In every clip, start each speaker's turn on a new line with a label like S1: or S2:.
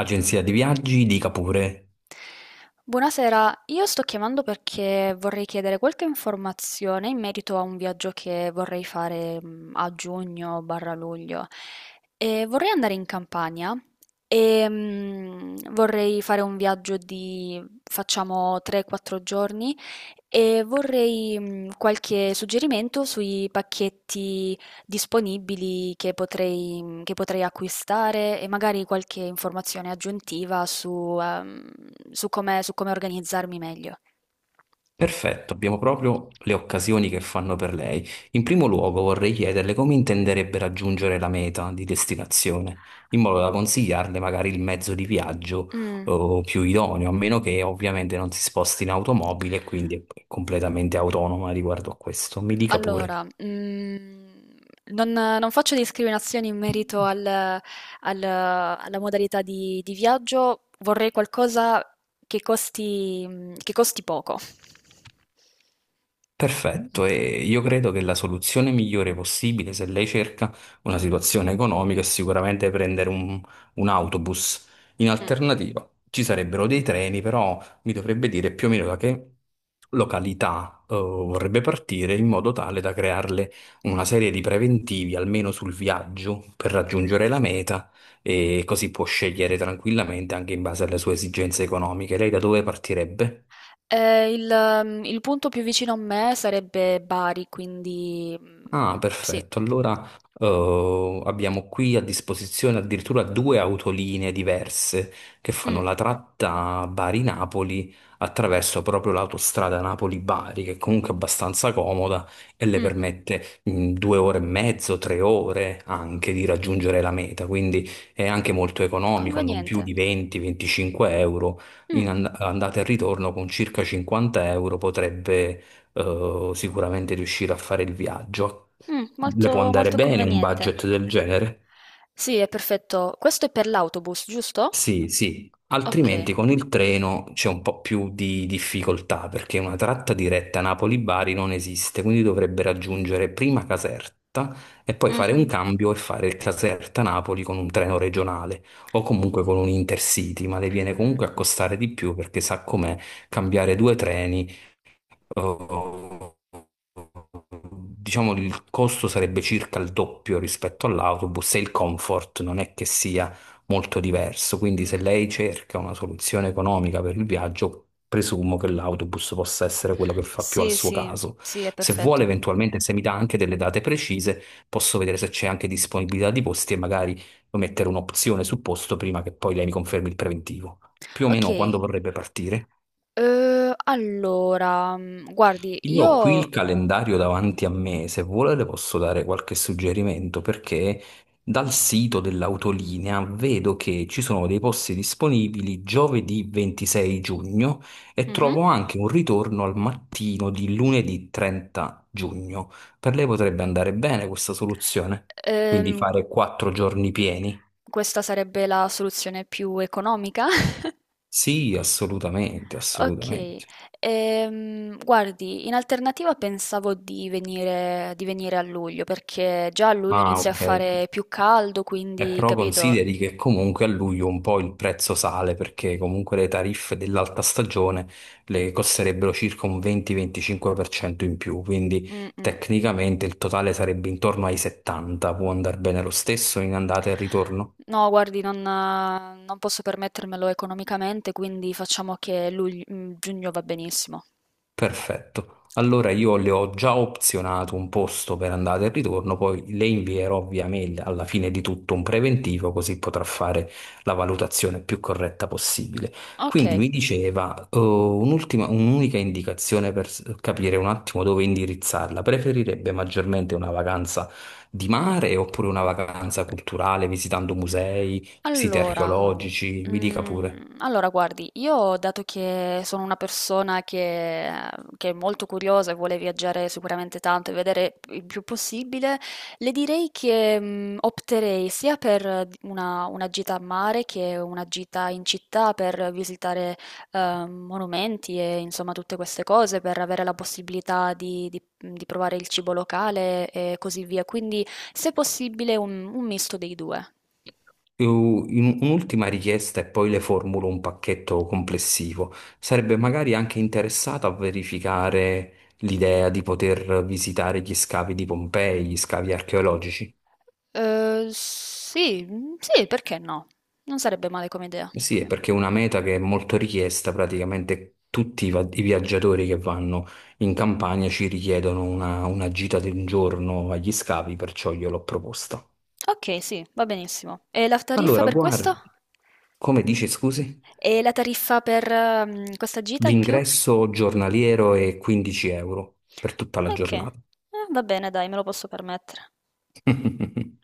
S1: Agenzia di viaggi, dica pure.
S2: Buonasera, io sto chiamando perché vorrei chiedere qualche informazione in merito a un viaggio che vorrei fare a giugno barra luglio. E vorrei andare in Campania e vorrei fare un viaggio di facciamo 3-4 giorni e vorrei qualche suggerimento sui pacchetti disponibili che potrei acquistare e magari qualche informazione aggiuntiva su come organizzarmi meglio.
S1: Perfetto, abbiamo proprio le occasioni che fanno per lei. In primo luogo vorrei chiederle come intenderebbe raggiungere la meta di destinazione, in modo da consigliarle magari il mezzo di viaggio
S2: Mm.
S1: più idoneo, a meno che ovviamente non si sposti in automobile e quindi è completamente autonoma riguardo a questo. Mi dica pure.
S2: Allora, non faccio discriminazioni in merito al al alla modalità di viaggio, vorrei qualcosa che costi poco.
S1: Perfetto, e io credo che la soluzione migliore possibile se lei cerca una situazione economica è sicuramente prendere un autobus. In
S2: Mh.
S1: alternativa ci sarebbero dei treni, però mi dovrebbe dire più o meno da che località vorrebbe partire in modo tale da crearle una serie di preventivi almeno sul viaggio per raggiungere la meta e così può scegliere tranquillamente anche in base alle sue esigenze economiche. Lei da dove partirebbe?
S2: Ehm, il il punto più vicino a me sarebbe Bari, quindi,
S1: Ah,
S2: sì.
S1: perfetto. Allora, abbiamo qui a disposizione addirittura due autolinee diverse che fanno
S2: Mh,
S1: la tratta Bari-Napoli attraverso proprio l'autostrada Napoli-Bari, che è comunque abbastanza comoda e le
S2: mh.
S1: permette in 2 ore e mezzo, 3 ore anche di raggiungere la meta. Quindi è anche molto economico, non più
S2: Conveniente.
S1: di 20-25 euro.
S2: Mh,
S1: In andata e ritorno con circa 50 euro potrebbe sicuramente riuscire a fare il viaggio. Le può
S2: molto
S1: andare
S2: molto
S1: bene un
S2: conveniente.
S1: budget del genere?
S2: Sì, è perfetto. Questo è per l'autobus, giusto?
S1: Sì, sì.
S2: Ok.
S1: Altrimenti con il treno c'è un po' più di difficoltà perché una tratta diretta Napoli-Bari non esiste, quindi dovrebbe raggiungere prima Caserta e poi fare un
S2: Mhm.
S1: cambio e fare il Caserta-Napoli con un treno regionale o comunque con un Intercity, ma le viene
S2: Mm,
S1: comunque a costare di più perché sa com'è cambiare due treni, eh, diciamo il costo sarebbe circa il doppio rispetto all'autobus e il comfort non è che sia molto diverso. Quindi se
S2: mm, mm.
S1: lei cerca una soluzione economica per il viaggio, presumo che l'autobus possa essere quello che fa più al
S2: Sì,
S1: suo
S2: sì,
S1: caso.
S2: sì, è
S1: Se vuole,
S2: perfetto.
S1: eventualmente, se mi dà anche delle date precise, posso vedere se c'è anche disponibilità di posti e magari mettere un'opzione sul posto prima che poi lei mi confermi il preventivo. Più o
S2: Ok,
S1: meno quando vorrebbe partire?
S2: allora, guardi,
S1: Io ho qui il
S2: io.
S1: calendario davanti a me, se vuole le posso dare qualche suggerimento perché dal sito dell'autolinea vedo che ci sono dei posti disponibili giovedì 26 giugno e
S2: Mhm.
S1: trovo anche un ritorno al mattino di lunedì 30 giugno. Per lei potrebbe andare bene questa soluzione? Quindi
S2: ehm,
S1: fare 4 giorni pieni?
S2: Questa sarebbe la soluzione più economica.
S1: Sì, assolutamente,
S2: Ok,
S1: assolutamente.
S2: guardi, in alternativa pensavo di venire a luglio, perché già a luglio
S1: Ah,
S2: inizia a
S1: ok. Ok.
S2: fare più caldo, quindi,
S1: Però
S2: capito?
S1: consideri che comunque a luglio un po' il prezzo sale perché comunque le tariffe dell'alta stagione le costerebbero circa un 20-25% in più, quindi
S2: Mm, mm.
S1: tecnicamente il totale sarebbe intorno ai 70, può andare bene lo stesso in andata e ritorno?
S2: No, guardi, non posso permettermelo economicamente, quindi facciamo che giugno va benissimo.
S1: Perfetto. Allora io le ho già opzionato un posto per andata e ritorno, poi le invierò via mail alla fine di tutto un preventivo così potrà fare la valutazione più corretta possibile.
S2: Ok.
S1: Quindi mi diceva, un'ultima, un'unica indicazione per capire un attimo dove indirizzarla. Preferirebbe maggiormente una vacanza di mare oppure una vacanza culturale visitando musei, siti
S2: Allora,
S1: archeologici? Mi dica pure.
S2: allora, guardi, io dato che sono una persona che è molto curiosa e vuole viaggiare sicuramente tanto e vedere il più possibile, le direi che, opterei sia per d una gita a mare che una gita in città per visitare, monumenti e insomma tutte queste cose, per avere la possibilità di provare il cibo locale e così via. Quindi, se possibile un misto dei 2.
S1: Un'ultima richiesta e poi le formulo un pacchetto complessivo. Sarebbe magari anche interessato a verificare l'idea di poter visitare gli scavi di Pompei, gli scavi archeologici?
S2: Sì, sì, perché no? Non sarebbe male come idea.
S1: Sì, è perché è una meta che è molto richiesta, praticamente tutti i viaggiatori che vanno in campagna ci richiedono una gita di un giorno agli scavi, perciò gliel'ho proposta.
S2: Ok, sì, va benissimo. E la tariffa
S1: Allora,
S2: per questo?
S1: guardi, come dici, scusi?
S2: E la tariffa per questa gita in più?
S1: L'ingresso giornaliero è 15 euro per tutta la
S2: Ok, eh,
S1: giornata.
S2: va bene, dai, me lo posso permettere.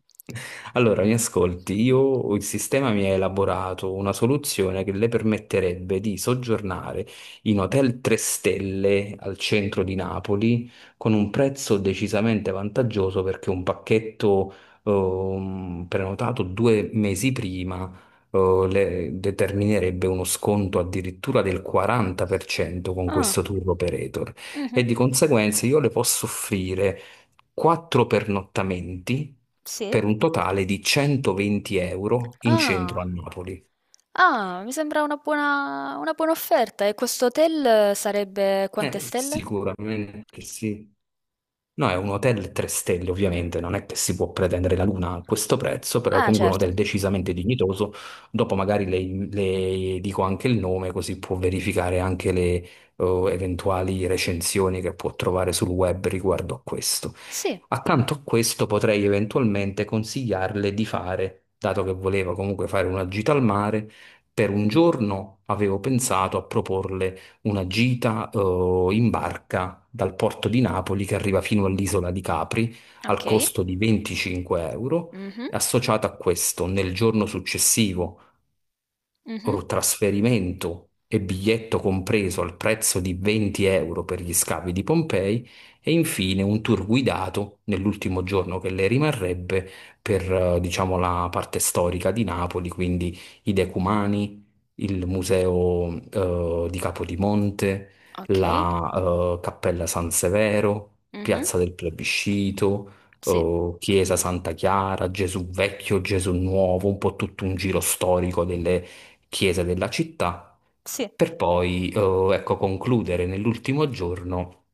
S1: Allora, mi ascolti, io il sistema mi ha elaborato una soluzione che le permetterebbe di soggiornare in hotel 3 stelle al centro di Napoli con un prezzo decisamente vantaggioso perché un pacchetto prenotato 2 mesi prima determinerebbe uno sconto addirittura del 40% con
S2: Ah,
S1: questo tour operator
S2: mhm,
S1: e di conseguenza io le posso offrire 4 pernottamenti
S2: sì.
S1: per un totale di 120 euro in centro a
S2: Ah,
S1: Napoli.
S2: ah, mi sembra una buona offerta. E questo hotel sarebbe quante stelle?
S1: Sicuramente sì. No, è un hotel 3 stelle, ovviamente, non è che si può pretendere la luna a questo prezzo, però è
S2: Ah,
S1: comunque un
S2: certo.
S1: hotel decisamente dignitoso. Dopo magari le dico anche il nome, così può verificare anche le eventuali recensioni che può trovare sul web riguardo a questo.
S2: Sì.
S1: Accanto a questo potrei eventualmente consigliarle di fare, dato che voleva comunque fare una gita al mare, per un giorno avevo pensato a proporle una gita in barca dal porto di Napoli che arriva fino all'isola di Capri al
S2: Ok.
S1: costo di 25 euro.
S2: Mhm,
S1: Associato a questo, nel giorno successivo
S2: mhm.
S1: o trasferimento e biglietto compreso al prezzo di 20 euro per gli scavi di Pompei e infine un tour guidato nell'ultimo giorno che le rimarrebbe per, diciamo, la parte storica di Napoli, quindi i Decumani, il museo, di Capodimonte,
S2: Ok.
S1: la, Cappella San Severo,
S2: Mhm.
S1: Piazza del Plebiscito,
S2: Sì,
S1: Chiesa Santa Chiara, Gesù Vecchio, Gesù Nuovo, un po' tutto un giro storico delle chiese della città,
S2: sì,
S1: per poi, ecco, concludere nell'ultimo giorno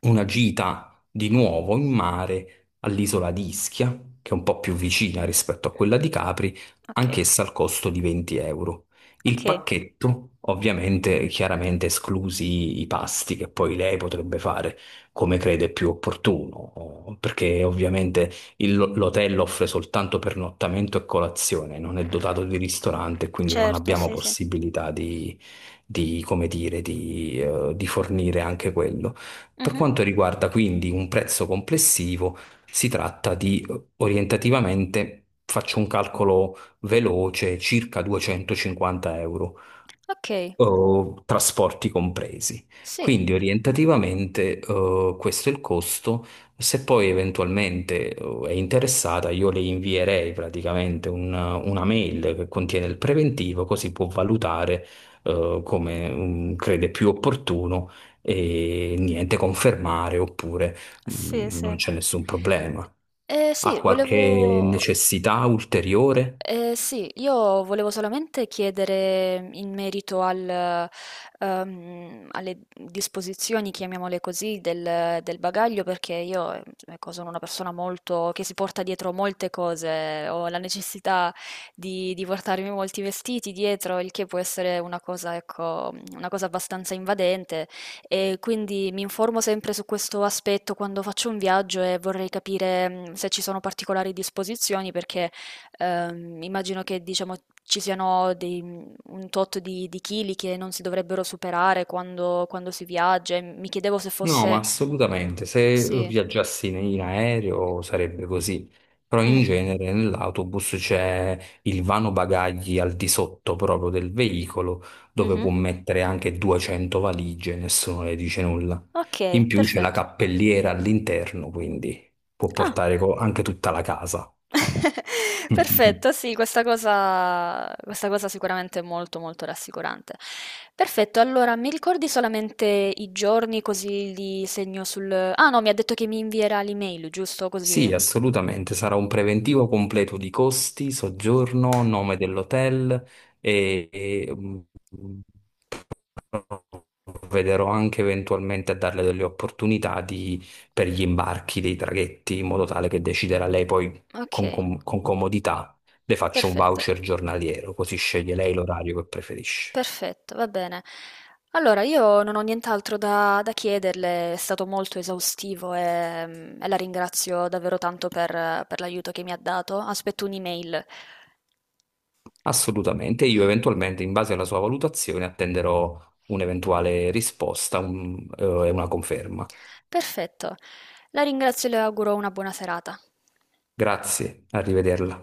S1: una gita di nuovo in mare all'isola di Ischia, che è un po' più vicina rispetto a quella di Capri,
S2: okay,
S1: anch'essa al costo di 20 euro. Il
S2: okay.
S1: pacchetto, ovviamente, chiaramente esclusi i pasti che poi lei potrebbe fare come crede più opportuno, perché ovviamente l'hotel offre soltanto pernottamento e colazione, non è dotato di ristorante, quindi non
S2: Certo,
S1: abbiamo
S2: sì, sì.
S1: possibilità come dire, di fornire anche quello. Per
S2: Mh-mh.
S1: quanto riguarda quindi un prezzo complessivo, si tratta di orientativamente, faccio un calcolo veloce, circa 250 euro
S2: Okay,
S1: o trasporti compresi.
S2: sì,
S1: Quindi orientativamente questo è il costo. Se poi eventualmente è interessata, io le invierei praticamente una mail che contiene il preventivo, così può valutare come crede più opportuno e niente, confermare oppure
S2: sì, sì.
S1: non c'è nessun problema. Ha
S2: Sì,
S1: qualche
S2: volevo
S1: necessità ulteriore?
S2: Sì, io volevo solamente chiedere in merito alle disposizioni, chiamiamole così, del bagaglio, perché io, ecco, sono una persona molto, che si porta dietro molte cose, ho la necessità di portarmi molti vestiti dietro, il che può essere una cosa, ecco, una cosa abbastanza invadente, e quindi mi informo sempre su questo aspetto quando faccio un viaggio e vorrei capire, se ci sono particolari disposizioni, perché. Immagino che diciamo, ci siano un tot di chili che non si dovrebbero superare quando si viaggia. E mi chiedevo se
S1: No, ma
S2: fosse.
S1: assolutamente. Se
S2: Sì.
S1: viaggiassi in aereo sarebbe così, però in
S2: Mm,
S1: genere nell'autobus c'è il vano bagagli al di sotto proprio del veicolo, dove
S2: mhm.
S1: può mettere anche 200 valigie, nessuno le dice nulla.
S2: Ok,
S1: In più c'è la
S2: perfetto.
S1: cappelliera all'interno, quindi può
S2: Ah,
S1: portare anche tutta la casa.
S2: perfetto, sì, questa cosa, sicuramente è molto molto rassicurante. Perfetto, allora mi ricordi solamente i giorni così li segno sul. Ah, no, mi ha detto che mi invierà l'email, giusto? Così.
S1: Sì, assolutamente, sarà un preventivo completo di costi, soggiorno, nome dell'hotel e, mm, provvederò anche eventualmente a darle delle opportunità per gli imbarchi dei traghetti, in modo tale che deciderà lei poi con,
S2: Ok,
S1: com- con comodità. Le faccio un
S2: perfetto.
S1: voucher giornaliero, così sceglie lei l'orario che preferisce.
S2: Perfetto, va bene. Allora, io non ho nient'altro da chiederle, è stato molto esaustivo e la ringrazio davvero tanto per l'aiuto che mi ha dato. Aspetto un'email.
S1: Assolutamente, io eventualmente, in base alla sua valutazione, attenderò un'eventuale risposta e una conferma.
S2: Perfetto, la ringrazio e le auguro una buona serata.
S1: Grazie, arrivederla.